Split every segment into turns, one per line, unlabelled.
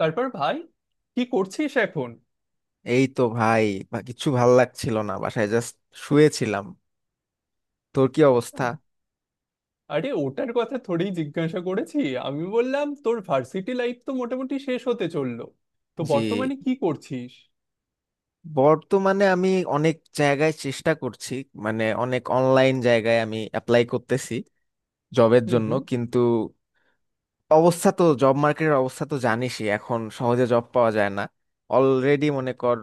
তারপর ভাই, কি করছিস এখন?
এই তো ভাই, বা কিছু ভাল লাগছিল না, বাসায় জাস্ট শুয়েছিলাম। তোর কি অবস্থা?
আরে ওটার কথা থোড়েই জিজ্ঞাসা করেছি, আমি বললাম তোর ভার্সিটি লাইফ তো মোটামুটি শেষ হতে চললো, তো
জি,
বর্তমানে কি করছিস?
বর্তমানে আমি অনেক জায়গায় চেষ্টা করছি, মানে অনেক অনলাইন জায়গায় আমি অ্যাপ্লাই করতেছি জবের
হুম
জন্য।
হুম।
কিন্তু অবস্থা তো, জব মার্কেটের অবস্থা তো জানিসই, এখন সহজে জব পাওয়া যায় না। অলরেডি মনে কর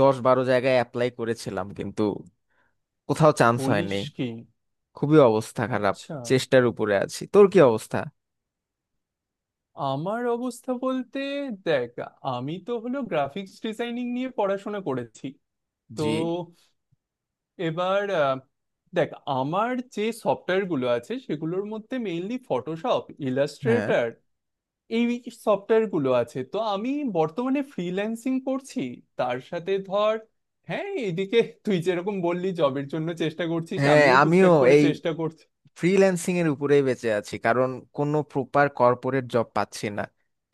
10-12 জায়গায় অ্যাপ্লাই করেছিলাম, কিন্তু কোথাও চান্স হয়নি।
বলিস কি?
খুবই অবস্থা খারাপ।
আচ্ছা।
চেষ্টার উপরে আছি। তোর কি অবস্থা?
আমার অবস্থা বলতে, দেখ, আমি তো হলো গ্রাফিক্স ডিজাইনিং নিয়ে পড়াশোনা করেছি। তো
জি।
এবার দেখ, আমার যে সফটওয়্যার গুলো আছে সেগুলোর মধ্যে মেইনলি ফটোশপ,
হ্যাঁ
ইলাস্ট্রেটর, এই সফটওয়্যার গুলো আছে। তো আমি বর্তমানে ফ্রিল্যান্সিং করছি। তার সাথে ধর, হ্যাঁ এদিকে তুই যেরকম বললি জবের জন্য চেষ্টা করছিস,
হ্যাঁ,
আমিও
আমিও
টুকটাক করে
এই
চেষ্টা করছি।
ফ্রিল্যান্সিং এর উপরেই বেঁচে আছি, কারণ কোনো প্রপার কর্পোরেট জব পাচ্ছি না।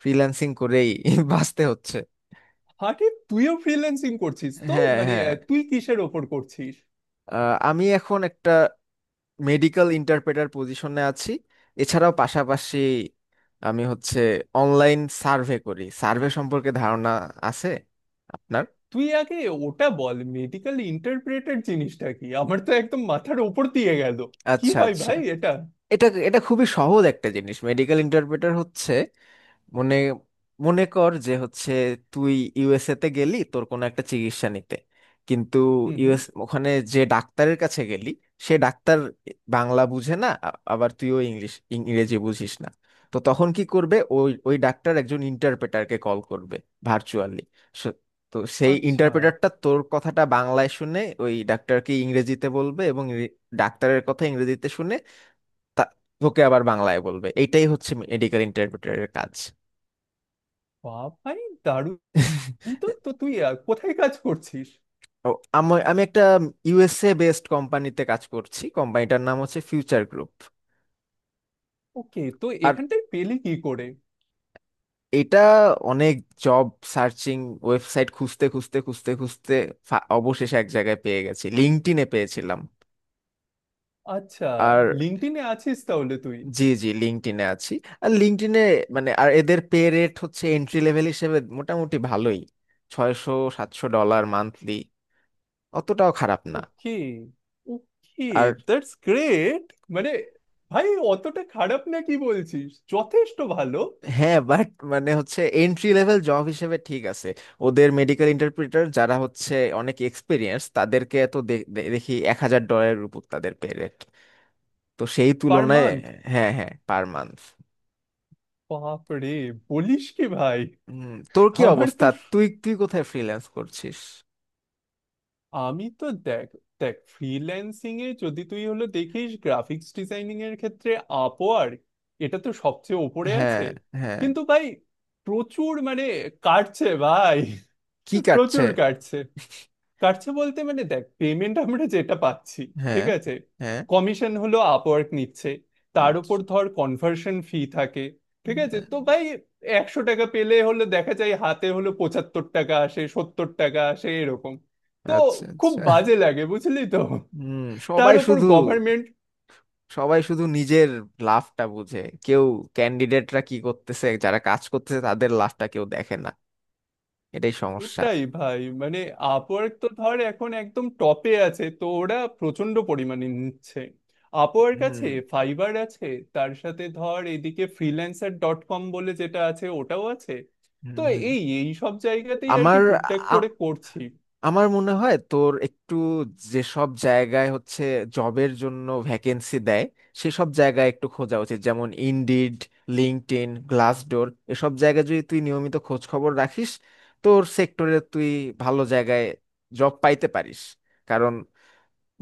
ফ্রিল্যান্সিং করেই বাঁচতে হচ্ছে।
আরে তুইও ফ্রিল্যান্সিং করছিস? তো
হ্যাঁ
মানে
হ্যাঁ।
তুই কিসের ওপর করছিস?
আমি এখন একটা মেডিকেল ইন্টারপ্রেটার পজিশনে আছি। এছাড়াও পাশাপাশি আমি হচ্ছে অনলাইন সার্ভে করি। সার্ভে সম্পর্কে ধারণা আছে আপনার?
তুই আগে ওটা বল, মেডিকেল ইন্টারপ্রেটার জিনিসটা কি? আমার তো একদম মাথার ওপর দিয়ে গেল। কি
আচ্ছা
হয়
আচ্ছা।
ভাই এটা?
এটা এটা খুবই সহজ একটা জিনিস। মেডিকেল ইন্টারপ্রেটার হচ্ছে, মনে মনে কর যে হচ্ছে তুই ইউএসএ তে গেলি তোর কোনো একটা চিকিৎসা নিতে। কিন্তু
হুম হুম।
ইউএস, ওখানে যে ডাক্তারের কাছে গেলি, সে ডাক্তার বাংলা বুঝে না, আবার তুইও ইংলিশ, ইংরেজি বুঝিস না। তো তখন কি করবে? ওই ওই ডাক্তার একজন ইন্টারপ্রেটারকে কল করবে ভার্চুয়ালি। তো সেই
আচ্ছা।
ইন্টারপ্রেটারটা তোর কথাটা বাংলায় শুনে ওই ডাক্তারকে ইংরেজিতে বলবে, এবং ডাক্তারের কথা ইংরেজিতে শুনে তা- তোকে আবার বাংলায় বলবে। এইটাই হচ্ছে মেডিকেল ইন্টারপ্রেটারের কাজ।
বা ভাই, দারুণ। তো তো তুই কোথায় কাজ করছিস?
ও, আমি একটা ইউএসএ বেসড কোম্পানিতে কাজ করছি। কোম্পানিটার নাম হচ্ছে ফিউচার গ্রুপ।
ওকে, তো
আর
এখানটায় পেলি কি করে?
এটা অনেক জব সার্চিং ওয়েবসাইট খুঁজতে খুঁজতে খুঁজতে খুঁজতে অবশেষে এক জায়গায় পেয়ে গেছি, লিঙ্কডইনে পেয়েছিলাম।
আচ্ছা,
আর
লিঙ্কডইনে আছিস তাহলে তুই।
জি জি, লিঙ্কডইনে আছি। আর লিঙ্কডইনে মানে, আর এদের পে রেট হচ্ছে এন্ট্রি লেভেল হিসেবে মোটামুটি ভালোই, 600-700 ডলার মান্থলি। অতটাও খারাপ না।
ওকে ওকে,
আর
দ্যাটস গ্রেট। মানে ভাই অতটা খারাপ না কি বলছিস, যথেষ্ট ভালো।
হ্যাঁ, বাট মানে হচ্ছে এন্ট্রি লেভেল জব হিসেবে ঠিক আছে। ওদের মেডিকেল ইন্টারপ্রিটার যারা হচ্ছে অনেক এক্সপিরিয়েন্স, তাদেরকে তো দে- দে- দেখি 1000 ডলারের উপর তাদের পে রেট। তো সেই
পার
তুলনায়।
মান্থ?
হ্যাঁ হ্যাঁ, পার মান্থ।
বাপ রে, বলিস কি ভাই!
হুম। তোর কি
আমার তো
অবস্থা? তুই তুই কোথায় ফ্রিল্যান্স করছিস?
আমি তো দেখ, দেখ, ফ্রিল্যান্সিং এ যদি তুই হলো দেখিস গ্রাফিক্স ডিজাইনিং এর ক্ষেত্রে, আপওয়ার্ক, এটা তো সবচেয়ে ওপরে
হ্যাঁ
আছে।
হ্যাঁ।
কিন্তু ভাই, প্রচুর মানে কাটছে ভাই,
কি কাটছে?
প্রচুর কাটছে। কাটছে বলতে মানে দেখ, পেমেন্ট আমরা যেটা পাচ্ছি,
হ্যাঁ
ঠিক আছে,
হ্যাঁ।
কমিশন হলো আপওয়ার্ক নিচ্ছে, তার উপর
আচ্ছা।
ধর কনভার্সন ফি থাকে, ঠিক আছে?
হ্যাঁ।
তো ভাই, 100 টাকা পেলে হলো দেখা যায় হাতে হলো 75 টাকা আসে, 70 টাকা আসে, এরকম। তো
আচ্ছা
খুব
আচ্ছা।
বাজে লাগে, বুঝলি তো।
হুম।
তার
সবাই
উপর
শুধু
গভর্নমেন্ট।
সবাই শুধু নিজের লাভটা বুঝে। কেউ, ক্যান্ডিডেটরা কি করতেছে, যারা কাজ করতেছে তাদের লাভটা কেউ দেখে না। এটাই সমস্যা।
ওটাই ভাই মানে, আপওয়ার্ক তো ধর এখন একদম টপে আছে তো ওরা প্রচন্ড পরিমাণে নিচ্ছে। আপওয়ার্ক আছে,
হুম
ফাইবার আছে, তার সাথে ধর এদিকে ফ্রিল্যান্সার ডট কম বলে যেটা আছে ওটাও আছে। তো
হুম হুম।
এই এই সব জায়গাতেই আর কি
আমার
টুকটাক
আ-
করে করছি।
আমার মনে হয় তোর একটু, যেসব জায়গায় হচ্ছে জবের জন্য ভ্যাকেন্সি দেয়, সেসব জায়গায় একটু খোঁজা উচিত। যেমন ইনডিড, লিঙ্কডইন, গ্লাসডোর, এসব জায়গায় যদি তুই নিয়মিত খোঁজ খবর রাখিস, তোর সেক্টরে তুই ভালো জায়গায় জব পাইতে পারিস। কারণ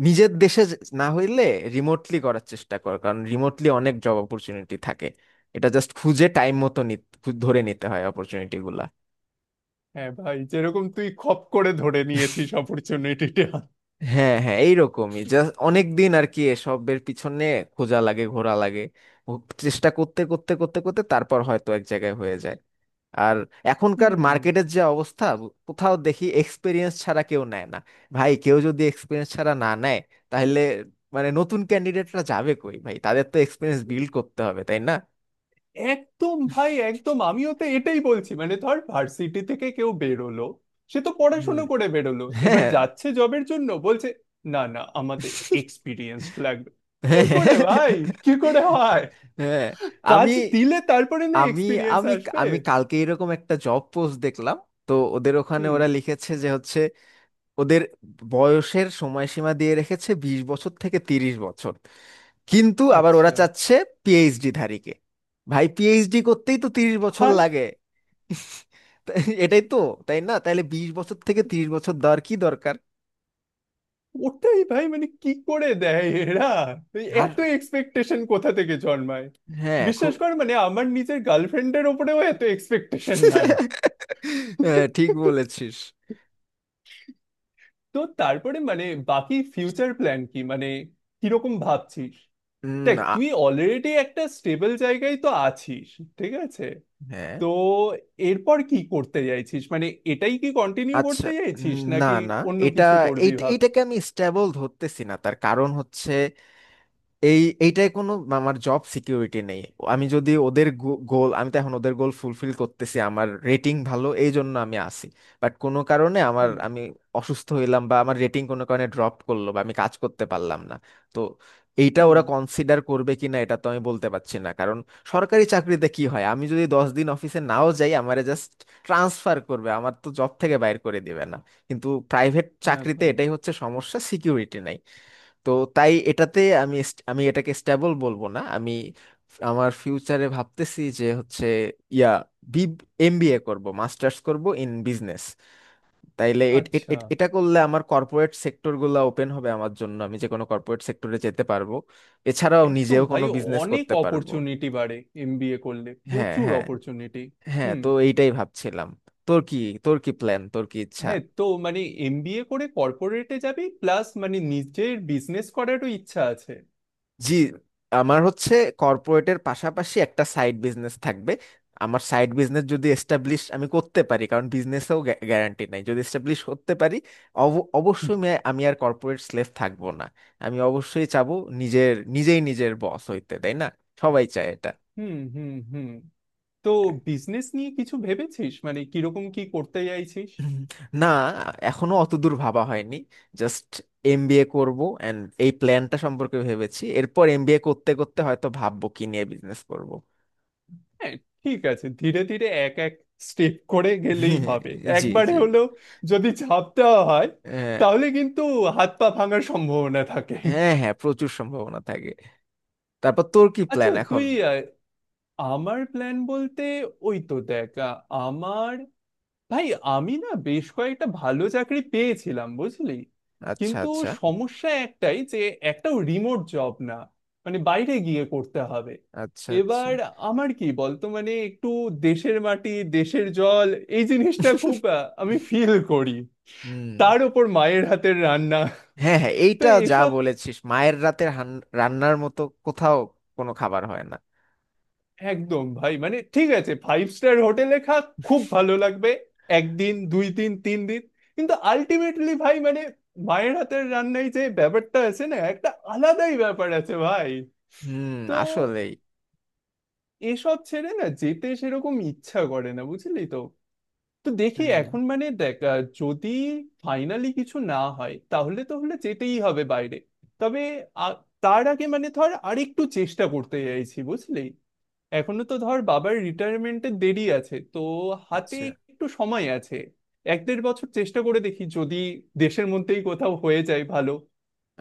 নিজের দেশে না হইলে রিমোটলি করার চেষ্টা কর, কারণ রিমোটলি অনেক জব অপরচুনিটি থাকে। এটা জাস্ট খুঁজে টাইম মতো ধরে নিতে হয় অপরচুনিটি গুলা।
হ্যাঁ ভাই, যেরকম তুই খপ করে ধরে নিয়েছিস অপরচুনিটিটা।
হ্যাঁ হ্যাঁ, এইরকমই। জাস্ট অনেক দিন আর কি এসবের পিছনে খোঁজা লাগে, ঘোরা লাগে। ও, চেষ্টা করতে করতে করতে করতে তারপর হয়তো এক জায়গায় হয়ে যায়। আর এখনকার
হুম।
মার্কেটের যে অবস্থা, কোথাও দেখি এক্সপিরিয়েন্স ছাড়া কেউ নেয় না। ভাই, কেউ যদি এক্সপিরিয়েন্স ছাড়া না নেয়, তাহলে মানে নতুন ক্যান্ডিডেটরা যাবে কই ভাই? তাদের তো এক্সপিরিয়েন্স বিল্ড করতে হবে, তাই না?
একদম ভাই, একদম, আমিও তো এটাই বলছি। মানে ধর ভার্সিটি থেকে কেউ বেরোলো, সে তো
হুম।
পড়াশোনা করে বেরোলো, এবার
হ্যাঁ
যাচ্ছে জবের জন্য, বলছে না না, আমাদের এক্সপিরিয়েন্স লাগবে। কি করে ভাই, কি করে হয়?
হ্যাঁ। আমি
কাজ দিলে তারপরে না
আমি
এক্সপিরিয়েন্স
আমি
আসবে।
আমি কালকে এরকম একটা জব পোস্ট দেখলাম। তো ওদের ওখানে
হুম।
ওরা লিখেছে যে হচ্ছে, ওদের বয়সের সময়সীমা দিয়ে রেখেছে 20 বছর থেকে 30 বছর। কিন্তু আবার ওরা
আচ্ছা
চাচ্ছে পিএইচডি ধারীকে। ভাই, পিএইচডি করতেই তো 30 বছর
ভাই,
লাগে। তা- এটাই তো। তাই না? তাহলে 20 বছর থেকে তিরিশ বছর দেওয়ার কি দরকার?
ওটাই ভাই মানে কি করে দেয় এরা? এই
আর
এত এক্সপেকটেশন কোথা থেকে জন্মায়?
হ্যাঁ, খুব।
বিশ্বাস কর মানে আমার নিজের গার্লফ্রেন্ডের ওপরেও এত এক্সপেকটেশন নাই।
হ্যাঁ, ঠিক বলেছিস।
তো তারপরে মানে বাকি ফিউচার প্ল্যান কি, মানে কিরকম ভাবছিস?
উম,
দেখ,
আ-
তুই অলরেডি একটা স্টেবল জায়গায় তো আছিস, ঠিক আছে।
হ্যাঁ।
তো এরপর কি করতে চাইছিস, মানে এটাই কি কন্টিনিউ
আচ্ছা,
করতে চাইছিস
না
নাকি
না।
অন্য
এটা,
কিছু করবি ভাবছিস?
এইটাকে আমি স্ট্যাবল ধরতেছি না। তার কারণ হচ্ছে, এইটাই কোনো, আমার জব সিকিউরিটি নেই। আমি যদি ওদের গোল, আমি তো এখন ওদের গোল ফুলফিল করতেছি, আমার রেটিং ভালো, এই জন্য আমি আসি। বাট কোনো কারণে আমার,
হুম
আমি অসুস্থ হইলাম, বা আমার রেটিং কোনো কারণে ড্রপ করলো, বা আমি কাজ করতে পারলাম না, তো এইটা
হুম।
ওরা কনসিডার করবে কিনা এটা তো আমি বলতে পারছি না। কারণ সরকারি চাকরিতে কি হয়, আমি যদি 10 দিন অফিসে নাও যাই আমারে জাস্ট ট্রান্সফার করবে, আমার তো জব থেকে বাইর করে দিবে না। কিন্তু প্রাইভেট
হ্যাঁ
চাকরিতে
ভাই।
এটাই হচ্ছে সমস্যা, সিকিউরিটি নাই। তো তাই এটাতে আমি আমি এটাকে স্টেবল বলবো না। আমি আমার ফিউচারে ভাবতেছি যে হচ্ছে, ইয়া বি, এমবিএ করব, মাস্টার্স করব ইন বিজনেস। তাইলে
আচ্ছা।
এটা করলে আমার কর্পোরেট সেক্টরগুলো ওপেন হবে আমার জন্য, আমি যে কোনো কর্পোরেট সেক্টরে যেতে পারবো। এছাড়াও
একদম
নিজেও
ভাই,
কোনো বিজনেস
অনেক
করতে পারবো।
অপরচুনিটি বাড়ে, এমবিএ করলে
হ্যাঁ
প্রচুর
হ্যাঁ
অপরচুনিটি।
হ্যাঁ,
হুম।
তো এইটাই ভাবছিলাম। তোর কি তোর কি প্ল্যান, তোর কি ইচ্ছা?
হ্যাঁ, তো মানে এমবিএ করে কর্পোরেটে যাবি, প্লাস মানে নিজের বিজনেস করারও ইচ্ছা আছে।
জি। আমার হচ্ছে কর্পোরেটের পাশাপাশি একটা সাইড বিজনেস থাকবে। আমার সাইড বিজনেস যদি এস্টাবলিশ আমি করতে পারি, কারণ বিজনেসেও গ্যারান্টি নাই, যদি এস্টাবলিশ করতে পারি, অবশ্যই আমি আমি আর কর্পোরেট স্লেভ থাকবো না। আমি অবশ্যই চাবো নিজের, নিজেই নিজের বস হইতে, তাই না? সবাই চায় এটা।
হুম হুম হুম। তো বিজনেস নিয়ে কিছু ভেবেছিস, মানে কিরকম কি করতে চাইছিস?
হুম, না, এখনো অত দূর ভাবা হয়নি। জাস্ট এমবিএ করব এন্ড এই প্ল্যানটা সম্পর্কে ভেবেছি। এরপর এমবিএ করতে করতে হয়তো ভাববো কি নিয়ে বিজনেস করব।
হ্যাঁ, ঠিক আছে, ধীরে ধীরে এক এক স্টেপ করে গেলেই হবে।
জি
একবারে
জি।
হলেও যদি ঝাঁপ দেওয়া হয়
আহ,
তাহলে কিন্তু হাত পা ভাঙার সম্ভাবনা থাকে।
হ্যাঁ হ্যাঁ, প্রচুর সম্ভাবনা থাকে। তারপর তোর কি
আচ্ছা
প্ল্যান এখন?
তুই, আহ, আমার প্ল্যান বলতে, ওই তো দেখ আমার, ভাই, আমি না বেশ কয়েকটা ভালো চাকরি পেয়েছিলাম বুঝলি।
আচ্ছা
কিন্তু
আচ্ছা।
সমস্যা একটাই যে একটাও রিমোট জব না, মানে বাইরে গিয়ে করতে হবে।
আচ্ছা আচ্ছা।
এবার আমার কি বলতো, মানে একটু দেশের মাটি, দেশের জল, এই জিনিসটা খুব আমি ফিল করি।
হুম।
তার উপর মায়ের হাতের রান্না।
হ্যাঁ হ্যাঁ,
তো
এইটা যা
এসব
বলেছিস, মায়ের রান্নার মতো কোথাও কোনো খাবার হয় না।
একদম ভাই, মানে ঠিক আছে ফাইভ স্টার হোটেলে খা, খুব ভালো লাগবে একদিন, দুই দিন, তিন দিন, কিন্তু আলটিমেটলি ভাই মানে মায়ের হাতের রান্নায় যে ব্যাপারটা আছে না, একটা আলাদাই ব্যাপার আছে ভাই।
হুম,
তো
আসলেই।
এসব ছেড়ে না যেতে সেরকম ইচ্ছা করে না, বুঝলি তো। তো দেখি
হুম।
এখন, মানে দেখ যদি ফাইনালি কিছু না হয় তাহলে তো হলে যেতেই হবে বাইরে। তবে আ- তার আগে মানে ধর আরেকটু চেষ্টা করতে চাইছি বুঝলি। এখনো তো ধর বাবার রিটায়ারমেন্টে দেরি আছে তো, হাতে
আচ্ছা
একটু সময় আছে। এক দেড় বছর চেষ্টা করে দেখি যদি দেশের মধ্যেই কোথাও হয়ে যায় ভালো,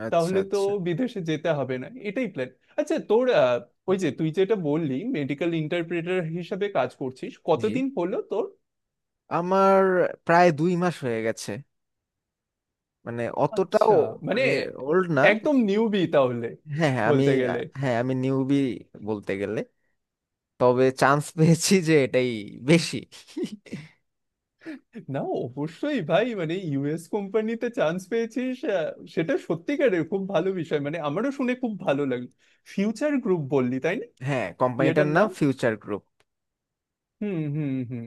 আচ্ছা।
তাহলে তো
আচ্ছা।
বিদেশে যেতে হবে না, এটাই প্ল্যান। আচ্ছা তোর ওই যে তুই যেটা বললি মেডিকেল ইন্টারপ্রেটার হিসাবে কাজ করছিস,
জি।
কতদিন হলো তোর?
আমার প্রায় 2 মাস হয়ে গেছে। মানে
আচ্ছা,
অতটাও
মানে
মানে ওল্ড না।
একদম নিউবি তাহলে
হ্যাঁ হ্যাঁ, আমি।
বলতে গেলে।
হ্যাঁ, আমি নিউবি বলতে গেলে। তবে চান্স পেয়েছি যে এটাই বেশি।
না, অবশ্যই ভাই মানে ইউএস কোম্পানিতে চান্স পেয়েছিস, সেটা সত্যিকারের খুব ভালো বিষয়, মানে আমারও শুনে খুব ভালো লাগলো। ফিউচার গ্রুপ বললি তাই না?
হ্যাঁ, কোম্পানিটার
ইয়েটার
নাম
নাম।
Future Group.
হুম হুম হুম।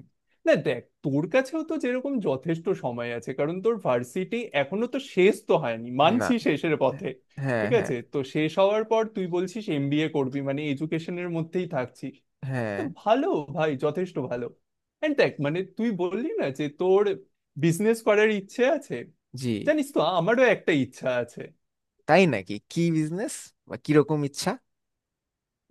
না দেখ, তোর কাছেও তো যেরকম যথেষ্ট সময় আছে, কারণ তোর ভার্সিটি এখনো তো শেষ তো হয়নি, মানছি
না।
শেষের পথে।
হ্যাঁ
ঠিক
হ্যাঁ
আছে, তো শেষ হওয়ার পর তুই বলছিস এমবিএ করবি, মানে এডুকেশনের মধ্যেই থাকছিস। তো
হ্যাঁ।
ভালো, ভাই যথেষ্ট ভালো। এন্ড দেখ, মানে তুই বললি না যে তোর বিজনেস করার ইচ্ছে আছে,
জি।
জানিস তো আমারও একটা ইচ্ছা আছে।
তাই নাকি? কি বিজনেস, বা কিরকম ইচ্ছা?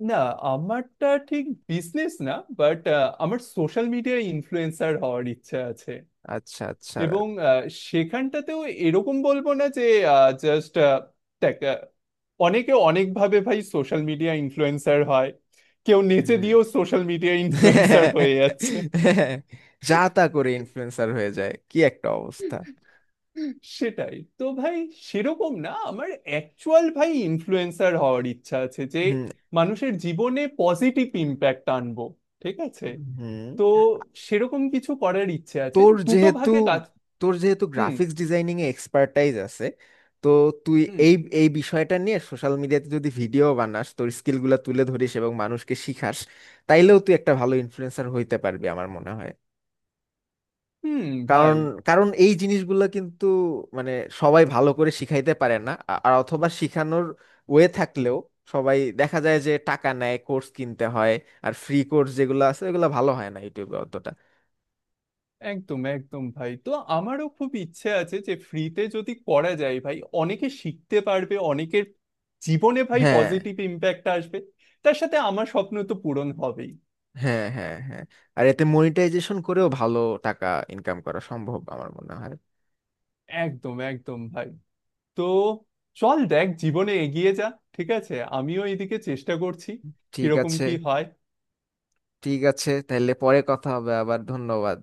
না, আমারটা ঠিক বিজনেস না, বাট আমার সোশ্যাল মিডিয়া ইনফ্লুয়েন্সার হওয়ার ইচ্ছা আছে।
আচ্ছা আচ্ছা।
এবং সেখানটাতেও এরকম বলবো না যে, জাস্ট দেখ অনেকে অনেকভাবে ভাই সোশ্যাল মিডিয়া ইনফ্লুয়েন্সার হয়, কেউ নেচে
হুম।
দিয়েও সোশ্যাল মিডিয়া ইনফ্লুয়েন্সার হয়ে যাচ্ছে।
যা তা করে ইনফ্লুয়েন্সার হয়ে যায়, কি একটা অবস্থা!
সেটাই তো ভাই, সেরকম না, আমার অ্যাকচুয়াল ভাই ইনফ্লুয়েন্সার হওয়ার ইচ্ছা আছে যে
হুম।
মানুষের জীবনে পজিটিভ ইম্প্যাক্ট আনবো, ঠিক আছে।
হুম।
তো সেরকম কিছু করার ইচ্ছে আছে,
তোর
দুটো
যেহেতু
ভাগে কাজ।
তোর যেহেতু
হুম
গ্রাফিক্স ডিজাইনিং এ এক্সপার্টাইজ আছে, তো তুই
হুম
এই এই বিষয়টা নিয়ে সোশ্যাল মিডিয়াতে যদি ভিডিও বানাস, তোর স্কিলগুলো তুলে ধরিস এবং মানুষকে শিখাস, তাইলেও তুই একটা ভালো ইনফ্লুয়েন্সার হইতে পারবি আমার মনে হয়।
হুম। ভাই,
কারণ, কারণ এই জিনিসগুলো কিন্তু মানে সবাই ভালো করে শিখাইতে পারে না। আর অথবা শিখানোর ওয়ে থাকলেও সবাই দেখা যায় যে টাকা নেয়, কোর্স কিনতে হয়। আর ফ্রি কোর্স যেগুলো আছে ওগুলো ভালো হয় না ইউটিউবে অতটা।
একদম একদম ভাই, তো আমারও খুব ইচ্ছে আছে যে ফ্রিতে যদি করা যায়, ভাই অনেকে শিখতে পারবে, অনেকের জীবনে ভাই
হ্যাঁ
পজিটিভ ইম্প্যাক্ট আসবে। তার সাথে আমার স্বপ্ন তো পূরণ হবেই।
হ্যাঁ হ্যাঁ। হ্যাঁ, আর এতে মনিটাইজেশন করেও ভালো টাকা ইনকাম করা সম্ভব আমার মনে হয়।
একদম একদম ভাই। তো চল, দেখ, জীবনে এগিয়ে যা। ঠিক আছে, আমিও এদিকে চেষ্টা করছি,
ঠিক
কিরকম
আছে।
কি হয়।
ঠিক আছে, তাহলে পরে কথা হবে আবার। ধন্যবাদ।